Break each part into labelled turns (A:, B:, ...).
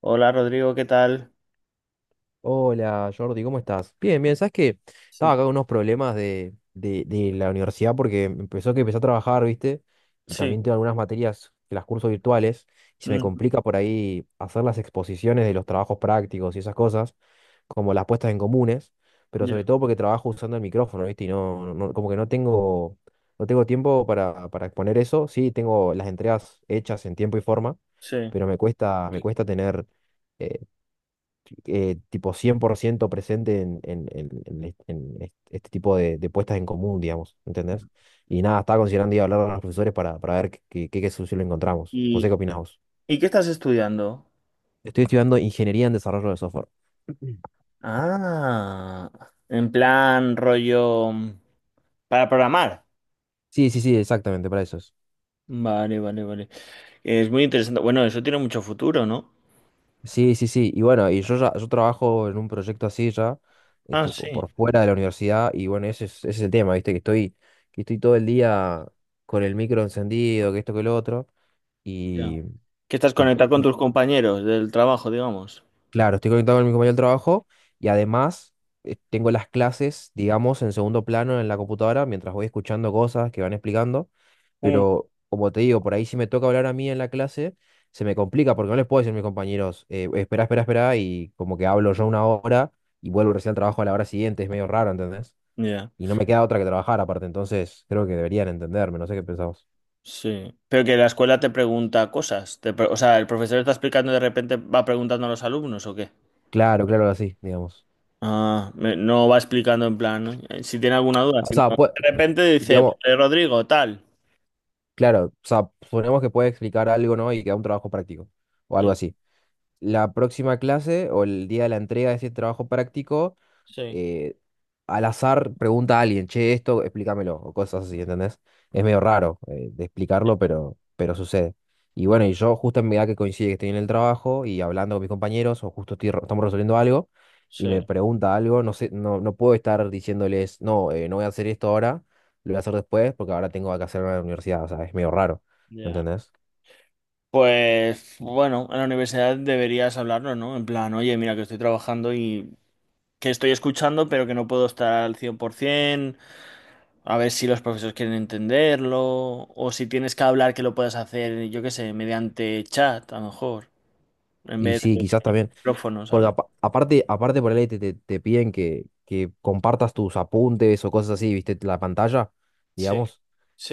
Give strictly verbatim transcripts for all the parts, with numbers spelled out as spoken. A: Hola Rodrigo, ¿qué tal?
B: Hola Jordi, ¿cómo estás? Bien, bien, ¿sabes qué? Estaba
A: Sí,
B: acá con unos problemas de, de, de la universidad porque empezó que empecé a trabajar, ¿viste? Y
A: sí,
B: también tengo algunas materias que las curso virtuales, y se me
A: mm,
B: complica por ahí hacer las exposiciones de los trabajos prácticos y esas cosas, como las puestas en comunes, pero
A: ya,
B: sobre todo porque trabajo usando el micrófono, ¿viste? Y no, no- no- como que no tengo, no tengo tiempo para, para exponer eso. Sí, tengo las entregas hechas en tiempo y forma,
A: sí.
B: pero me cuesta, me cuesta tener, eh, tipo, cien por ciento presente en, en- en- en est- en est- este tipo de, de puestas en común, digamos, ¿entendés? Y nada, estaba considerando ir a hablar a los profesores para, para ver qué, qué, qué, qué solución le encontramos. No sé
A: ¿Y,
B: qué opinás vos.
A: y qué estás estudiando?
B: Estoy estudiando ingeniería en desarrollo de software.
A: Ah, en plan rollo mm, para programar.
B: Sí, sí, sí, exactamente, para eso es.
A: Vale, vale, vale. Es muy interesante. Bueno, eso tiene mucho futuro, ¿no?
B: Sí, sí, sí. Y bueno, y yo ya, yo trabajo en un proyecto así ya, eh,
A: Ah,
B: tipo
A: sí,
B: por fuera de la universidad, y bueno, ese es, ese es el tema, ¿viste? Que estoy, que estoy todo el día con el micro encendido, que esto, que lo otro,
A: ya.
B: y,
A: Que estás
B: y
A: conectado con tus compañeros del trabajo, digamos.
B: Claro, estoy conectado con mi compañero del trabajo, y además, eh, tengo las clases, digamos, en segundo plano en la computadora mientras voy escuchando cosas que van explicando.
A: Mm,
B: Pero como te digo, por ahí si me toca hablar a mí en la clase, se me complica porque no les puedo decir a mis compañeros, eh, espera, espera, espera, y como que hablo yo una hora y vuelvo recién al trabajo a la hora siguiente, es medio raro, ¿entendés?
A: Ya,
B: Y no me queda otra que trabajar aparte, entonces creo que deberían entenderme, no sé qué pensamos.
A: sí. Pero que la escuela te pregunta cosas. Te pre- o sea, el profesor está explicando y de repente va preguntando a los alumnos, ¿o qué?
B: Claro, claro, así, digamos.
A: Ah, me- no va explicando en plan, ¿no? Eh, Si tiene alguna duda,
B: O
A: si no,
B: sea, pues,
A: de repente dice, pues,
B: digamos,
A: eh, Rodrigo, tal.
B: claro, o sea, suponemos que puede explicar algo, ¿no? Y que da un trabajo práctico o
A: Y
B: algo
A: él,
B: así. La próxima clase o el día de la entrega de ese trabajo práctico,
A: sí,
B: eh, al azar pregunta a alguien, che, esto, explícamelo, o cosas así, ¿entendés? Es medio raro, eh, de explicarlo, pero, pero sucede. Y
A: ya,
B: bueno, y yo justo en mi edad que coincide que estoy en el trabajo y hablando con mis compañeros, o justo estoy re- estamos resolviendo algo, y
A: sí,
B: me pregunta algo, no sé, no, no puedo estar diciéndoles, no, eh, no voy a hacer esto ahora, lo voy a hacer después, porque ahora tengo que hacerlo en la universidad, o sea, es medio raro,
A: ya.
B: ¿entendés?
A: Pues bueno, en la universidad deberías hablarlo, ¿no? En plan, oye, mira que estoy trabajando y que estoy escuchando, pero que no puedo estar al cien por ciento, a ver si los profesores quieren entenderlo, o si tienes que hablar que lo puedas hacer, yo qué sé, mediante chat, a lo mejor, en
B: Y
A: vez
B: sí,
A: de
B: quizás también.
A: micrófono,
B: Porque
A: ¿sabes?
B: apa- aparte, aparte por ahí te, te- te piden que, que compartas tus apuntes o cosas así, ¿viste? La pantalla,
A: Sí,
B: digamos.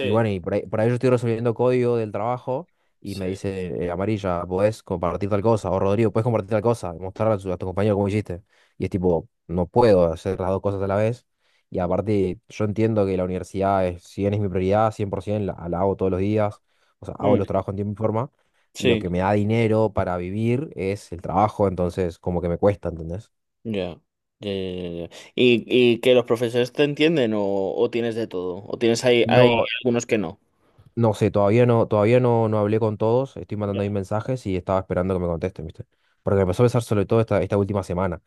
B: Y bueno, y por ahí, por ahí yo estoy resolviendo código del trabajo y
A: sí.
B: me dice, eh, Amarilla, ¿podés compartir tal cosa? O Rodrigo, ¿podés compartir tal cosa? Y mostrarle a, su- a tu compañero cómo hiciste. Y es tipo, no puedo hacer las dos cosas a la vez. Y aparte, yo entiendo que la universidad, es, si bien es mi prioridad, cien por ciento, la, la hago todos los días. O sea, hago
A: Mm,
B: los trabajos en tiempo y forma, lo
A: Sí.
B: que me da dinero para vivir es el trabajo, entonces como que me cuesta, ¿entendés?
A: Ya, ya, ya, ya, ya. ¿Y, y que los profesores te entienden o, o tienes de todo? ¿O tienes ahí, hay
B: No,
A: algunos que no?
B: no sé, todavía no, todavía no, no hablé con todos, estoy mandando ahí
A: Ya,
B: mensajes y estaba esperando que me contesten, ¿viste? Porque me empezó a pensar sobre todo esta, esta última semana.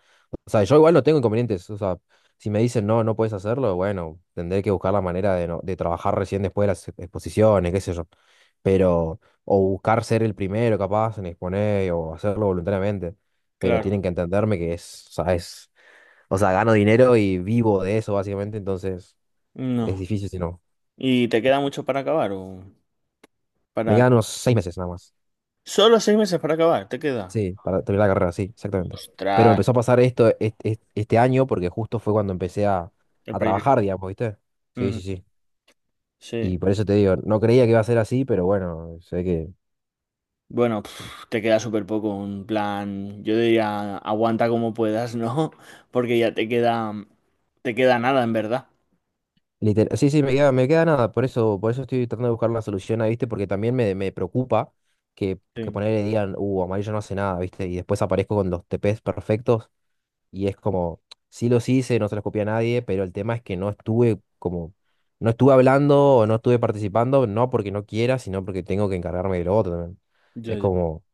B: O sea, yo igual no tengo inconvenientes, o sea, si me dicen no, no puedes hacerlo, bueno, tendré que buscar la manera de, no- de trabajar recién después de las exposiciones, qué sé yo. Pero, o buscar ser el primero capaz en exponer o hacerlo voluntariamente, pero
A: claro.
B: tienen que entenderme que es, o sea, es, o sea, gano dinero y vivo de eso, básicamente, entonces es
A: No.
B: difícil si no.
A: ¿Y te queda mucho para acabar? o
B: Me
A: para...
B: quedan unos seis meses nada más.
A: Solo seis meses para acabar, ¿te queda?
B: Sí, para terminar la carrera, sí, exactamente. Pero me
A: Ostras,
B: empezó a pasar esto est- est- este año porque justo fue cuando empecé a,
A: el
B: a trabajar,
A: proyecto.
B: digamos, ¿viste? Sí,
A: Ujú,
B: sí, sí.
A: Sí.
B: Y por eso te digo, no creía que iba a ser así, pero bueno, sé que...
A: Bueno, pf, te queda súper poco, un plan, yo diría, aguanta como puedas, ¿no? Porque ya te queda, te queda nada, en verdad.
B: Literal, sí, sí, me queda, me queda nada, por eso, por eso estoy tratando de buscar una solución ahí, ¿viste? Porque también me, me preocupa que, que
A: Sí.
B: ponerle digan, uh, Amarillo no hace nada, ¿viste? Y después aparezco con los T Ps perfectos y es como, sí los hice, no se los copié a nadie, pero el tema es que no estuve como, no estuve hablando o no estuve participando, no porque no quiera, sino porque tengo que encargarme de lo otro también. Es
A: Ya, ya.
B: como,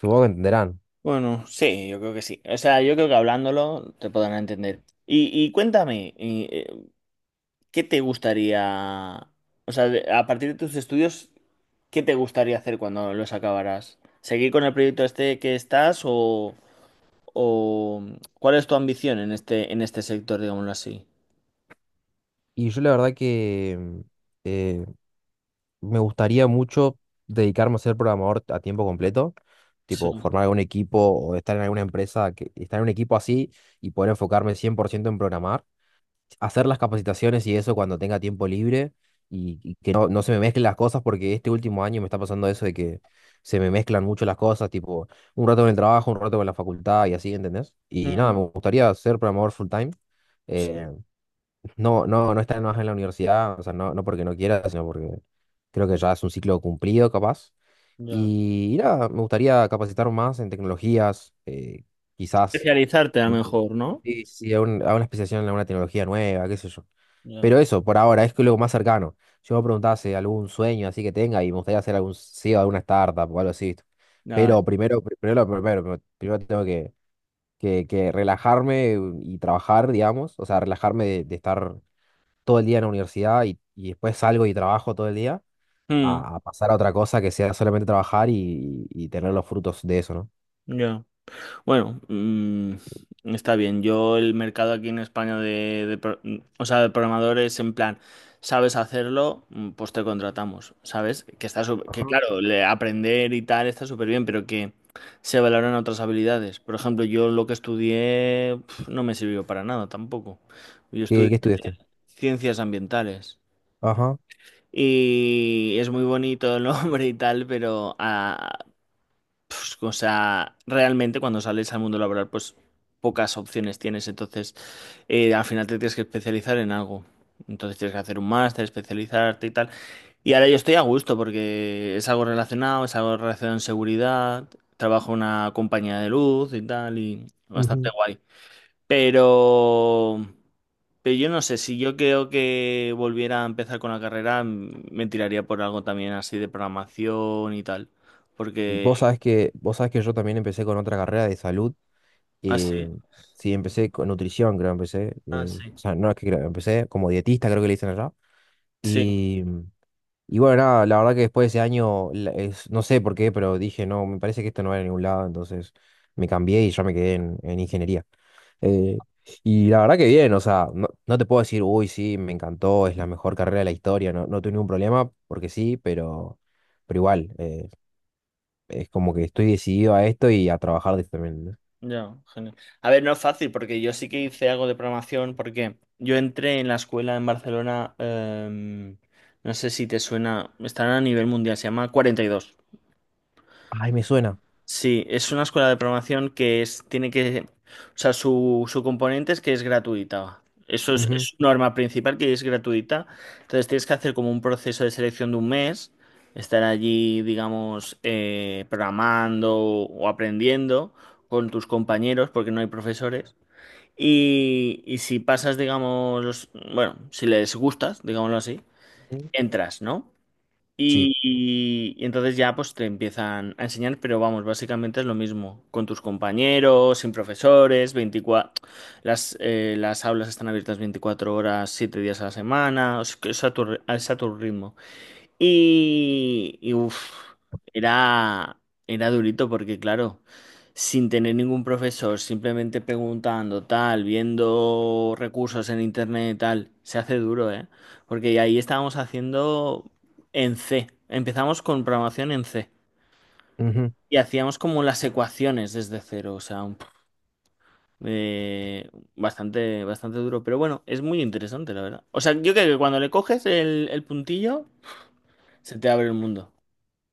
B: supongo que entenderán.
A: Bueno, sí, yo creo que sí. O sea, yo creo que hablándolo te podrán entender. Y, y cuéntame, y eh, ¿qué te gustaría, o sea, de- a partir de tus estudios, ¿qué te gustaría hacer cuando los acabarás? ¿Seguir con el proyecto este que estás o, o cuál es tu ambición en este, en este sector, digámoslo así?
B: Y yo la verdad que mm, eh, me gustaría mucho dedicarme a ser programador a tiempo completo, tipo
A: Sí.
B: formar algún equipo o estar en alguna empresa, que, estar en un equipo así y poder enfocarme cien por ciento en programar. Hacer las capacitaciones y eso cuando tenga tiempo libre, y, y que no, no se me mezclen las cosas porque este último año me está pasando eso de que se me mezclan mucho las cosas, tipo un rato con el trabajo, un rato con la facultad y así, ¿entendés? Y nada,
A: Mm,
B: me gustaría ser programador full time.
A: sí,
B: eh, no, no, no estar más en la universidad, o sea, no, no porque no quiera, sino porque creo que ya es un ciclo cumplido, capaz.
A: ya.
B: Y, y nada, me gustaría capacitar más en tecnologías, eh, quizás.
A: Especializarte a lo mejor, ¿no?
B: Sí, sí, a, un- a una especialización, a una tecnología nueva, qué sé yo.
A: Ya.
B: Pero eso, por ahora, es que lo más cercano. Yo me preguntaba si algún sueño así que tenga, y me gustaría hacer algún C E O de alguna startup o algo así, ¿viste?
A: Ya.
B: Pero primero, pri- primero, lo primero, primero, primero tengo que, que, que relajarme y trabajar, digamos. O sea, relajarme de, de estar todo el día en la universidad y, y después salgo y trabajo todo el día,
A: Mm,
B: a, a pasar a otra cosa que sea solamente trabajar y, y tener los frutos de eso, ¿no?
A: ya. Bueno, mm, está bien. Yo el mercado aquí en España de, de pro- mm, o sea, de programadores en plan, sabes hacerlo. Mm, pues te contratamos, ¿sabes? Que está sup- que
B: Ajá.
A: claro, le- aprender y tal está súper bien, pero que se valoran otras habilidades. Por ejemplo, yo lo que estudié pf, no me sirvió para nada tampoco. Yo
B: ¿Qué,
A: estudié
B: qué estudiaste?
A: ciencias ambientales.
B: Ajá.
A: Y es muy bonito el nombre y tal, pero ah, pues, o sea, realmente cuando sales al mundo laboral, pues pocas opciones tienes. Entonces, eh, al final te tienes que especializar en algo. Entonces tienes que hacer un máster, especializarte y tal. Y ahora yo estoy a gusto porque es algo relacionado, es algo relacionado en seguridad. Trabajo en una compañía de luz y tal, y bastante guay. Pero, pero yo no sé, si yo creo que volviera a empezar con la carrera, m- me tiraría por algo también así de programación y tal. Porque,
B: Vos sabés que, vos sabés que yo también empecé con otra carrera de salud. eh,
A: así.
B: sí, empecé con nutrición, creo, empecé.
A: Ah,
B: eh,
A: sí.
B: o sea, no es que creo, empecé como dietista, creo que le dicen allá.
A: Sí,
B: Y, y bueno, nada, la verdad que después de ese año, la- es- no sé por qué, pero dije, no, me parece que esto no va a ningún lado, entonces me cambié y yo me quedé en, en ingeniería. Eh, y la verdad que bien, o sea, no, no te puedo decir, uy, sí, me encantó, es la mejor carrera de la historia, no, no tuve ningún problema, porque sí, pero, pero igual. eh, es como que estoy decidido a esto y a trabajar de esto también, ¿no?
A: ya, genial. A ver, no es fácil porque yo sí que hice algo de programación porque yo entré en la escuela en Barcelona, em, no sé si te suena, están a nivel mundial, se llama cuarenta y dos.
B: Ay, me suena.
A: Sí, es una escuela de programación, que es, tiene que, o sea, su, su componente es que es gratuita. Eso es, es
B: Ujú,
A: su norma principal que es gratuita. Entonces tienes que hacer como un proceso de selección de un mes, estar allí, digamos, eh, programando o aprendiendo con tus compañeros, porque no hay profesores. Y, y si pasas, digamos, los- bueno, si les gustas, digámoslo así,
B: ujú,
A: entras, ¿no?
B: sí,
A: Y, y- y entonces ya pues te empiezan a enseñar, pero vamos, básicamente es lo mismo, con tus compañeros, sin profesores, veinticuatro las, eh, las aulas están abiertas veinticuatro horas, siete días a la semana, o que es a tu, ri- es a tu ritmo. Y, y uf, era, era durito porque, claro, sin tener ningún profesor, simplemente preguntando, tal, viendo recursos en internet, tal, se hace duro, ¿eh? Porque ahí estábamos haciendo en C. Empezamos con programación en C.
B: ujú.
A: Y hacíamos como las ecuaciones desde cero, o sea, un- eh, bastante, bastante duro. Pero bueno, es muy interesante, la verdad. O sea, yo creo que cuando le coges el, el puntillo, se te abre el mundo.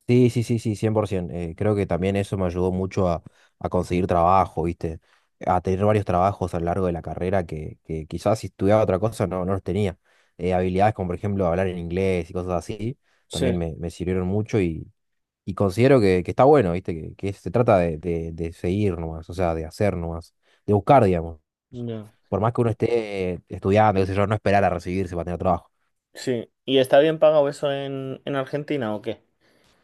B: Sí, sí, sí, sí, cien por ciento. Eh, creo que también eso me ayudó mucho a, a conseguir trabajo, ¿viste? A tener varios trabajos a lo largo de la carrera que, que quizás si estudiaba otra cosa no, no los tenía. Eh, habilidades como, por ejemplo, hablar en inglés y cosas así, también
A: Sí.
B: me, me sirvieron mucho. Y considero que, que está bueno, ¿viste? Que, que se trata de, de- de seguir nomás, o sea, de hacer nomás, de buscar, digamos.
A: Ya.
B: Por más que uno esté estudiando, qué sé yo, no esperar a recibirse para tener trabajo.
A: Sí. ¿Y está bien pagado eso en, en, Argentina o qué?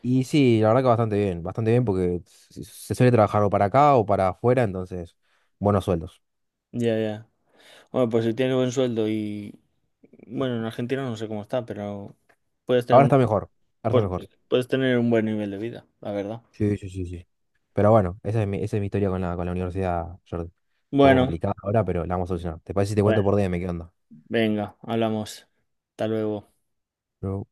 B: Y sí, la verdad que bastante bien, bastante bien porque se se suele trabajar o para acá o para afuera, entonces, buenos sueldos.
A: Ya, ya. Bueno, pues si tienes buen sueldo y... Bueno, en Argentina no sé cómo está, pero puedes tener
B: Ahora
A: un,
B: está mejor, ahora está
A: pues,
B: mejor.
A: puedes tener un buen nivel de vida, la verdad.
B: Sí, sí, sí, sí. Pero bueno, esa es mi, esa es mi historia con la, con la universidad, Jordi. Un poco
A: Bueno,
B: complicada ahora, pero la vamos a solucionar. ¿Te parece si te
A: bueno,
B: cuento por D M qué onda?
A: venga, hablamos. Hasta luego.
B: Pero